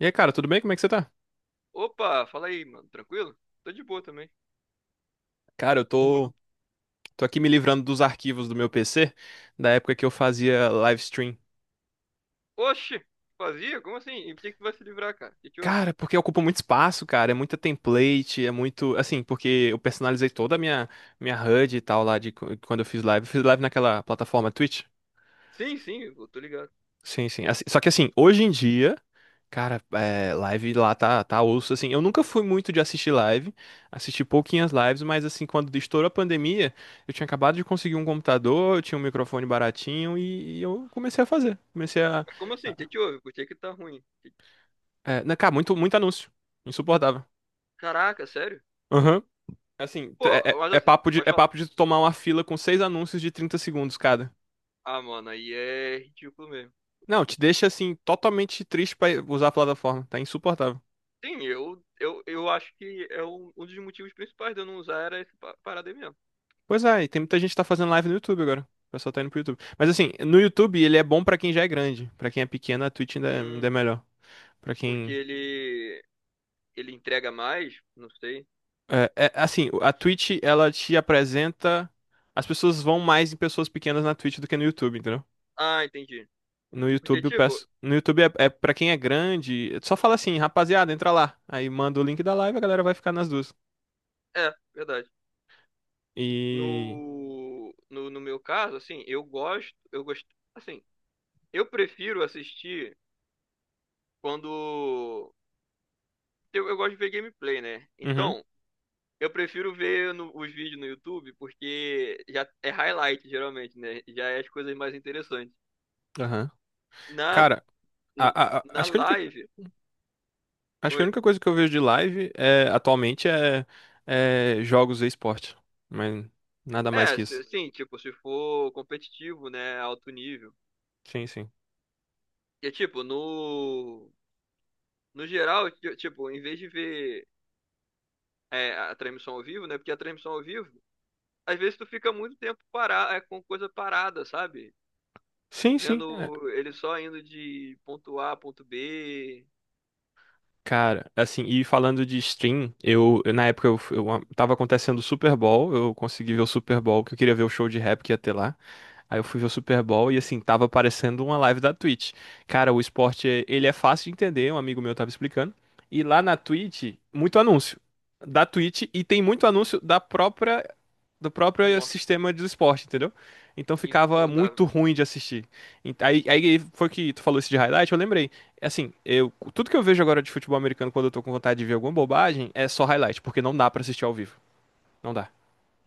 E aí, cara, tudo bem? Como é que você tá? Opa, fala aí, mano. Tranquilo? Tô de boa também. Cara, eu tô aqui me livrando dos arquivos do meu PC, da época que eu fazia live stream. Oxi, fazia? Como assim? E por que que tu vai se livrar, cara? O que te houve? Cara, porque ocupa muito espaço, cara, é muita template, é muito, assim, porque eu personalizei toda a minha HUD e tal lá de quando eu fiz live. Eu fiz live naquela plataforma Twitch. Sim, sim, eu tô ligado. Sim, sim. Só que assim, hoje em dia, cara, live lá tá osso, assim. Eu nunca fui muito de assistir live, assisti pouquinhas lives, mas assim, quando estourou a pandemia, eu tinha acabado de conseguir um computador, eu tinha um microfone baratinho e eu comecei a fazer. Comecei a... Mas como assim? O a que te houve? Por que que tá ruim? Cara, muito, muito anúncio. Insuportável. Caraca, sério? Aham. Assim, t- é, Pô, é- mas é assim, papo de, pode é falar. papo de tu tomar uma fila com 6 anúncios de 30 segundos cada. Ah, mano, aí é ridículo mesmo. Não, te deixa assim, totalmente triste pra usar a plataforma. Tá insuportável. Sim, eu acho que é um dos motivos principais de eu não usar era esse parada aí mesmo. Pois é, e tem muita gente que tá fazendo live no YouTube agora. O pessoal tá indo pro YouTube. Mas assim, no YouTube ele é bom pra quem já é grande. Pra quem é pequeno, a Twitch ainda é, ainda Hum, é melhor. Pra Porque quem. ele entrega mais? Não sei. Assim, a Twitch, ela te apresenta. As pessoas vão mais em pessoas pequenas na Twitch do que no YouTube, entendeu? Ah, entendi. No Porque, YouTube, eu tipo, peço. No YouTube é para quem é grande. Só fala assim, rapaziada, entra lá. Aí manda o link da live, a galera vai ficar nas duas. é, verdade. E. No meu caso, assim, eu gosto, assim, eu prefiro assistir quando eu gosto de ver gameplay, né? Uhum, Então, eu prefiro ver os vídeos no YouTube porque já é highlight geralmente, né? Já é as coisas mais interessantes. aham. Na Cara, a- na acho que a única. live, Acho que a oi. única coisa que eu vejo de live atualmente é jogos e esporte. Mas nada mais É, que isso. sim, tipo, se for competitivo, né, alto nível. Sim, sim. E tipo, no geral, tipo, em vez de ver a transmissão ao vivo, né? Porque a transmissão ao vivo às vezes tu fica muito tempo parado, com coisa parada, sabe? Sim, sim. É. Vendo ele só indo de ponto A a ponto B. Cara, assim, e falando de stream, na época eu, f- eu a- tava acontecendo o Super Bowl, eu consegui ver o Super Bowl, que eu queria ver o show de rap que ia ter lá. Aí eu fui ver o Super Bowl e assim, tava aparecendo uma live da Twitch. Cara, o esporte, ele é fácil de entender, um amigo meu tava explicando. E lá na Twitch, muito anúncio da Twitch e tem muito anúncio da própria do próprio Nossa, sistema de esporte, entendeu? Então que ficava insuportável. muito ruim de assistir. Aí foi que tu falou isso de highlight, eu lembrei. Assim, tudo que eu vejo agora de futebol americano quando eu tô com vontade de ver alguma bobagem é só highlight, porque não dá pra assistir ao vivo. Não dá.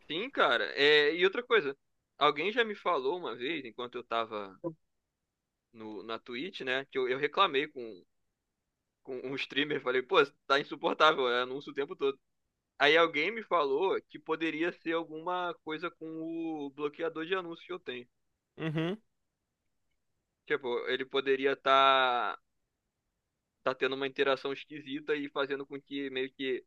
Sim, cara. É, e outra coisa, alguém já me falou uma vez, enquanto eu tava no, na Twitch, né? Que eu reclamei com um streamer, falei, pô, tá insuportável, é anúncio o tempo todo. Aí alguém me falou que poderia ser alguma coisa com o bloqueador de anúncios que eu tenho. Uhum. Tipo, ele poderia estar tá tendo uma interação esquisita e fazendo com que meio que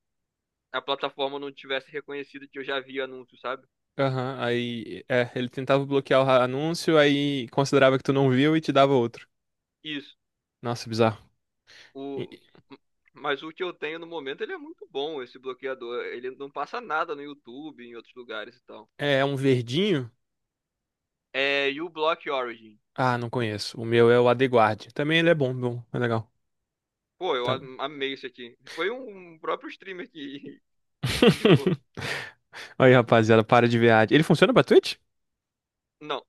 a plataforma não tivesse reconhecido que eu já vi anúncio, sabe? Aham, aí é, ele tentava bloquear o anúncio, aí considerava que tu não viu e te dava outro. Isso. Nossa, bizarro. E- O... Mas o que eu tenho no momento, ele é muito bom, esse bloqueador. Ele não passa nada no YouTube, em outros lugares e tal. É um verdinho? É, e o Block Origin. Ah, não conheço. O meu é o AdeGuard. Também ele é bom, bom, é legal. Pô, Tá. Amei isso aqui. Foi um próprio streamer que indicou. Aí, rapaziada, para de ver ad. Ele funciona pra Twitch? Não,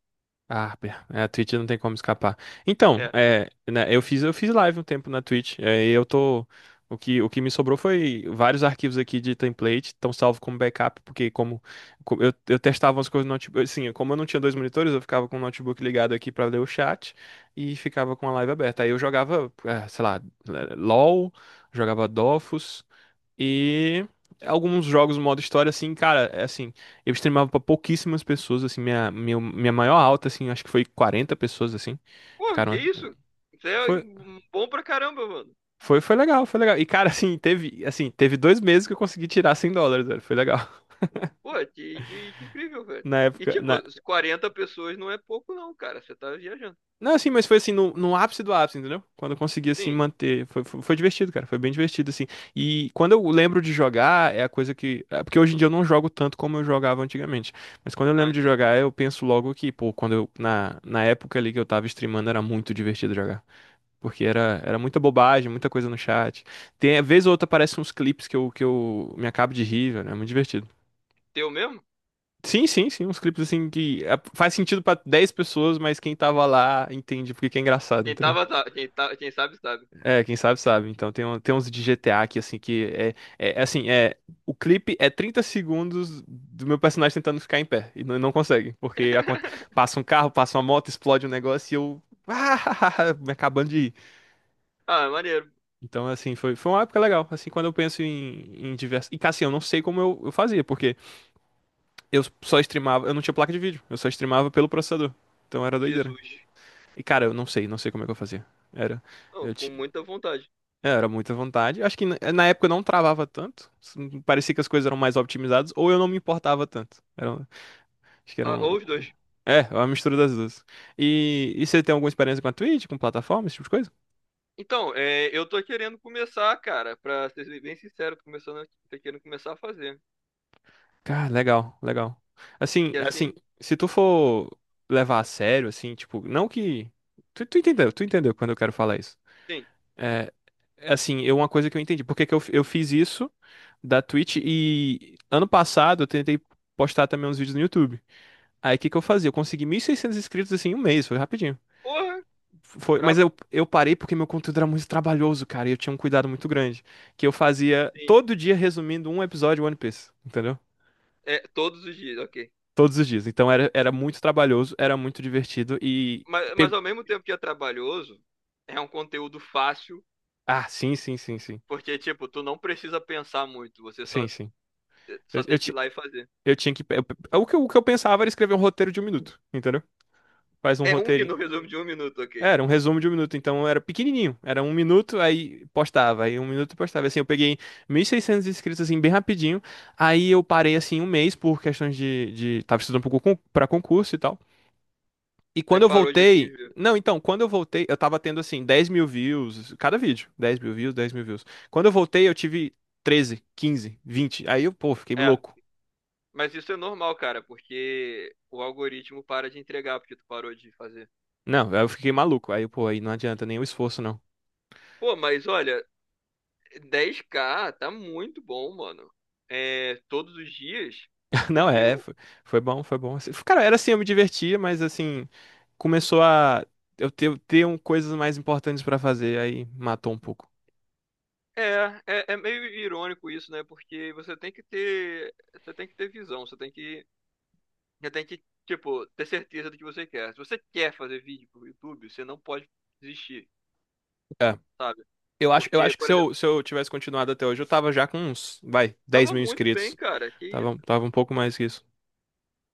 Harper, a Twitch não tem como escapar. Então, é. Né, eu fiz live um tempo na Twitch, e eu tô. O que me sobrou foi vários arquivos aqui de template, estão salvo como backup, porque eu testava umas coisas no notebook, assim, como eu não tinha 2 monitores, eu ficava com o notebook ligado aqui pra ler o chat e ficava com a live aberta. Aí eu jogava, sei lá, LOL, jogava Dofus, e alguns jogos modo história, assim, cara, é assim, eu streamava pra pouquíssimas pessoas, assim, minha maior alta, assim, acho que foi 40 pessoas, assim, Pô, que ficaram... isso? Isso é Foi, um bom pra caramba, mano. foi legal. E, cara, assim, teve 2 meses que eu consegui tirar US$ 100, velho, foi legal. Pô, que incrível, velho. Na E, época. tipo, Na, Não. 40 pessoas não é pouco, não, cara. Você tá viajando. Não, assim, mas foi assim, no ápice do ápice, entendeu? Quando eu consegui, assim, Sim. manter. Foi divertido, cara. Foi bem divertido, assim. E quando eu lembro de jogar, é a coisa que. É. Porque hoje em dia eu não jogo tanto como eu jogava antigamente. Mas quando eu Ah, lembro de entendi. jogar, eu penso logo que, pô, quando eu. Na época ali que eu tava streamando, era muito divertido jogar. Porque era muita bobagem, muita coisa no chat. Tem, vez ou outra aparecem uns clipes que eu me acabo de rir, velho. É muito divertido. Teu mesmo? Sim, sim, sim, uns clipes assim que é, faz sentido pra 10 pessoas, mas quem tava lá entende porque que é engraçado, Quem entendeu? tava, tá, quem sabe, sabe. É, quem sabe sabe. Então tem uns de GTA aqui, assim, que é, é é assim, é. O clipe é 30 segundos do meu personagem tentando ficar em pé. E não, não consegue. Porque passa um carro, passa uma moto, explode um negócio e eu. Me acabando de ir. Ah, maneiro. Então, assim, foi uma época legal. Assim, quando eu penso em diversas. E, cara, assim, eu não sei como eu fazia, porque eu só streamava. Eu não tinha placa de vídeo, eu só streamava pelo processador. Então era doideira. Jesus. E, cara, eu não sei como é que eu fazia. Era. Não, Eu com muita vontade. Era muita vontade. Acho que na época eu não travava tanto. Parecia que as coisas eram mais optimizadas, ou eu não me importava tanto. Acho que era Ah, um. ou os dois. É, uma mistura das duas. E você tem alguma experiência com a Twitch, com plataforma, esse tipo de coisa? Então, eu tô querendo começar, cara, pra ser bem sincero, tô começando, tô querendo começar a fazer. Cara, legal, legal. Assim, Que assim, assim, Se tu for levar a sério, assim, tipo, não que. Tu entendeu quando eu quero falar isso. sim. É, assim, uma coisa que eu entendi. Por que que eu fiz isso da Twitch e ano passado eu tentei postar também uns vídeos no YouTube. Aí o que que eu fazia? Eu consegui 1.600 inscritos assim em um mês, foi rapidinho. Porra, Foi, mas brabo. eu parei porque meu conteúdo era muito trabalhoso, cara, e eu tinha um cuidado muito grande. Que eu fazia Sim. todo dia resumindo um episódio de One Piece, entendeu? É, todos os dias, ok. Todos os dias. Então era muito trabalhoso, era muito divertido e. Mas, pe- mas ao mesmo tempo que é trabalhoso, é um conteúdo fácil. Ah, sim, sim, sim, sim. Porque, tipo, tu não precisa pensar muito, você só, Sim, sim. Eu, só eu, tem que ir ti- lá e fazer. eu tinha que. O que eu pensava era escrever um roteiro de 1 minuto, entendeu? Faz um É um minuto, roteiro. resumo de um minuto, ok. Era um resumo de 1 minuto, então era pequenininho. Era 1 minuto, aí postava, aí um minuto postava. Assim, eu peguei 1.600 inscritos, assim, bem rapidinho. Aí eu parei, assim, um mês por questões de... Tava estudando pro pra concurso e tal. E Aí quando eu parou de voltei... vir e viu. Não, então, quando eu voltei, eu tava tendo, assim, 10.000 views, cada vídeo. 10.000 views, 10.000 views. Quando eu voltei, eu tive treze, quinze, vinte. Aí eu, pô, fiquei É, louco. mas isso é normal, cara, porque o algoritmo para de entregar porque tu parou de fazer. Não, aí eu fiquei maluco. Aí, pô, aí não adianta nem o esforço, não. Pô, mas olha, 10K tá muito bom, mano. É, todos os dias, Não, porque é, foi, foi bom, foi bom. Assim, cara, era assim, eu me divertia, mas assim, começou a eu ter um, coisas mais importantes pra fazer, aí matou um pouco. é meio irônico isso, né? Porque você tem que ter, você tem que ter visão, você tem que já tem que, tipo, ter certeza do que você quer. Se você quer fazer vídeo pro YouTube, você não pode desistir, É. sabe? Eu acho, eu Porque, acho que por se exemplo, eu, se eu tivesse continuado até hoje, eu tava já com uns, vai, dez tava mil muito bem, inscritos. cara. Que Tava, isso? tava um pouco mais que isso.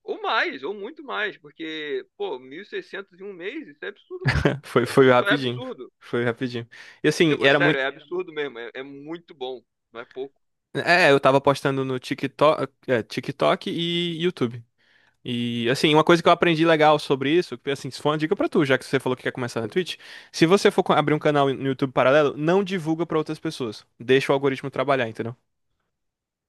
Ou mais, ou muito mais. Porque, pô, 1.600 em um mês, isso é absurdo. Foi Isso é rapidinho. absurdo. Foi rapidinho. E assim, Tipo, é era sério, muito. é absurdo mesmo. É muito bom. Não é pouco. É, eu tava postando no TikTok, TikTok e YouTube. E assim, uma coisa que eu aprendi legal sobre isso, que assim, isso foi uma dica pra tu, já que você falou que quer começar na Twitch, se você for abrir um canal no YouTube paralelo, não divulga pra outras pessoas. Deixa o algoritmo trabalhar, entendeu?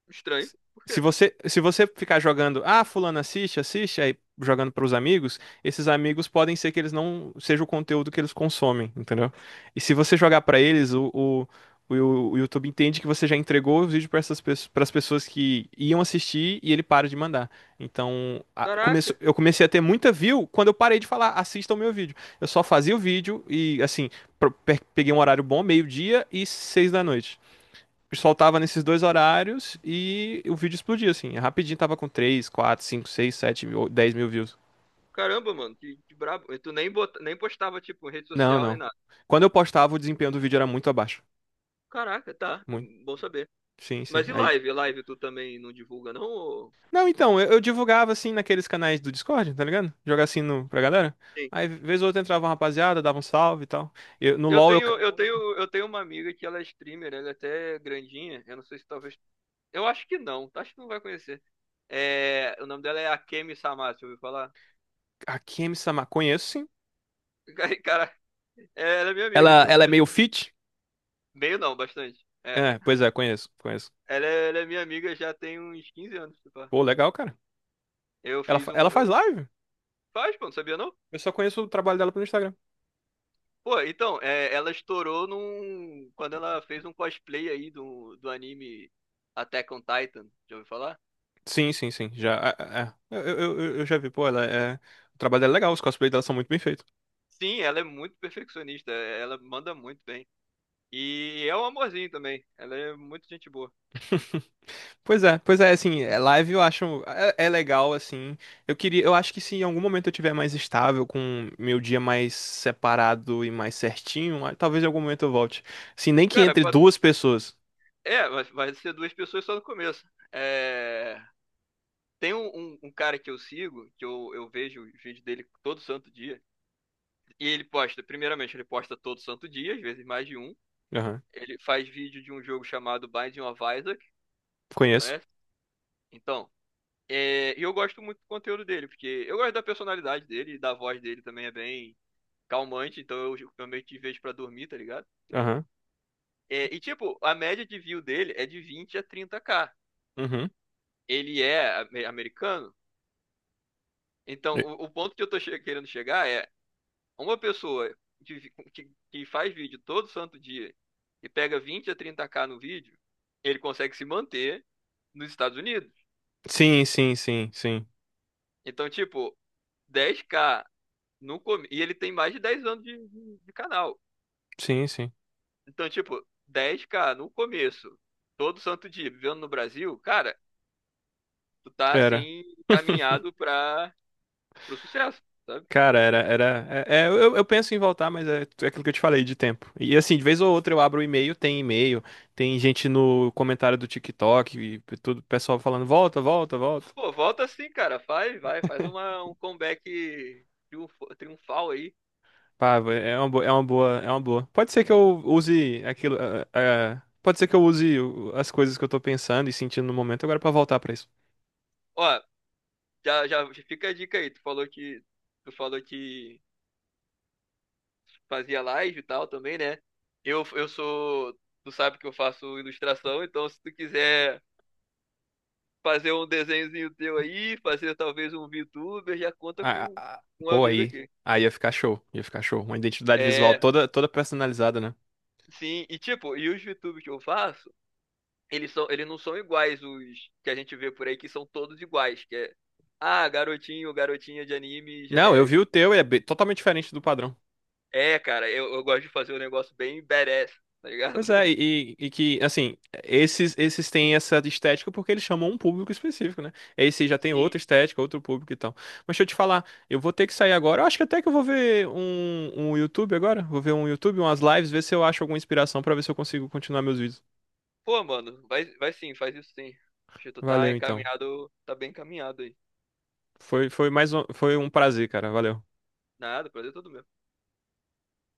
Estranho. Por Se quê? se você ficar jogando, ah, fulano assiste, assiste, aí jogando para os amigos, esses amigos podem ser que eles não seja o conteúdo que eles consomem, entendeu? E se você jogar para eles, o YouTube entende que você já entregou o vídeo para as pessoas que iam assistir e ele para de mandar. Então, Caraca, eu comecei a ter muita view quando eu parei de falar, assista o meu vídeo. Eu só fazia o vídeo e assim, peguei um horário bom, 12h e 18h, soltava nesses 2 horários e o vídeo explodia, assim. Rapidinho tava com três, quatro, cinco, seis, 7 mil, 10 mil views. caramba, mano, que brabo. E tu nem, nem postava, tipo, em rede Não, social nem não. nada. Quando eu postava, o desempenho do vídeo era muito abaixo. Caraca, tá. Muito. Bom saber. Sim, sim. Mas e Aí. live? Live tu também não divulga, não? Não, então, eu divulgava assim naqueles canais do Discord, tá ligado? Jogar assim no, pra galera. Sim. Aí, vez ou outra, entrava uma rapaziada, dava um salve e tal. No Eu LoL, eu. Ca-. tenho, eu tenho, eu tenho uma amiga que ela é streamer, ela é até grandinha. Eu não sei se talvez. Eu acho que não, tá? Acho que não vai conhecer. É, o nome dela é Akemi Samasu, ouviu falar? A Kemi Sama, conheço sim. Cara, ela é minha amiga, Ela, eu ela é conheço. meio fit. Meio não, bastante. É. É, pois é, conheço, conheço. Ela é minha amiga já tem uns 15 anos, se pá. Pô, legal, cara. Eu Ela, fiz fa- um. ela faz live. Faz, pô, não sabia não? Eu só conheço o trabalho dela pelo Instagram. Pô, então, ela estourou num. Quando ela fez um cosplay aí do anime Attack on Titan, já ouviu falar? Sim, sim, sim. Já, é, é. É. Eu já vi, pô, ela é... O trabalho dela é legal, os cosplays dela são muito bem feitos. Sim, ela é muito perfeccionista, ela manda muito bem. E é um amorzinho também. Ela é muito gente boa. Assim, live eu acho, é legal, assim, eu acho que se em algum momento eu tiver mais estável, com meu dia mais separado e mais certinho, ah, talvez em algum momento eu volte, assim, nem que Cara, entre 2 pessoas. Vai ser duas pessoas só no começo. É, tem um cara que eu sigo, que eu vejo os vídeos dele todo santo dia. E ele posta, primeiramente, ele posta todo santo dia, às vezes mais de um. Aham. Ele faz vídeo de um jogo chamado Binding of Isaac, Conheço, conhece? Então, e eu gosto muito do conteúdo dele, porque eu gosto da personalidade dele e da voz dele também é bem calmante, então eu meio que vejo pra dormir, tá ligado? aham, É, e, tipo, a média de view dele é de 20 a 30K. uhum. Ele é americano. Então, E- o ponto que eu tô querendo chegar é uma pessoa que faz vídeo todo santo dia e pega 20 a 30K no vídeo, ele consegue se manter nos Estados Unidos. Sim, sim, sim, sim, Então, tipo, 10K no começo. E ele tem mais de 10 anos de canal. sim, sim, Então, tipo, dez k no começo, todo santo dia, vivendo no Brasil, cara, tu tá era. assim, caminhado pra pro sucesso, sabe? Cara, era, eu penso em voltar, mas é aquilo que eu te falei de tempo. E assim, de vez ou outra eu abro o e-mail, tem gente no comentário do TikTok e tudo, pessoal falando volta, volta, volta. Pô, volta assim, cara. Faz, vai, faz um comeback triunfal aí. Pá, é uma boa, é uma boa, é uma boa. Pode ser que eu use aquilo, pode ser que eu use as coisas que eu tô pensando e sentindo no momento agora pra voltar pra isso. Ó, já fica a dica aí. Tu falou que fazia live e tal também, né? Eu, eu sou, tu sabe que eu faço ilustração, então se tu quiser fazer um desenhozinho teu aí, fazer talvez um VTuber, já conta Ah, ah, com um Pô, amigo aí, aqui. aí ia ficar show, ia ficar show. Uma identidade visual É, toda, toda personalizada, né? sim, e tipo, e os VTubers que eu faço, eles não são iguais os que a gente vê por aí, que são todos iguais, que é ah, garotinho, garotinha de anime Não, eu vi genérico. o teu e é totalmente diferente do padrão. É, cara, eu gosto de fazer um negócio bem badass, tá ligado? Pois é, e que, assim, esses têm essa estética porque eles chamam um público específico, né? Esse já tem Sim. outra estética, outro público e tal. Mas deixa eu te falar, eu vou ter que sair agora. Eu acho que até que eu vou ver um YouTube agora. Vou ver um YouTube, umas lives, ver se eu acho alguma inspiração pra ver se eu consigo continuar meus vídeos. Pô, mano, vai, vai sim, faz isso sim. Acho que tu tá Valeu, então. encaminhado, tá bem encaminhado aí. Foi mais um, foi um prazer, cara. Valeu. Nada, prazer é todo meu.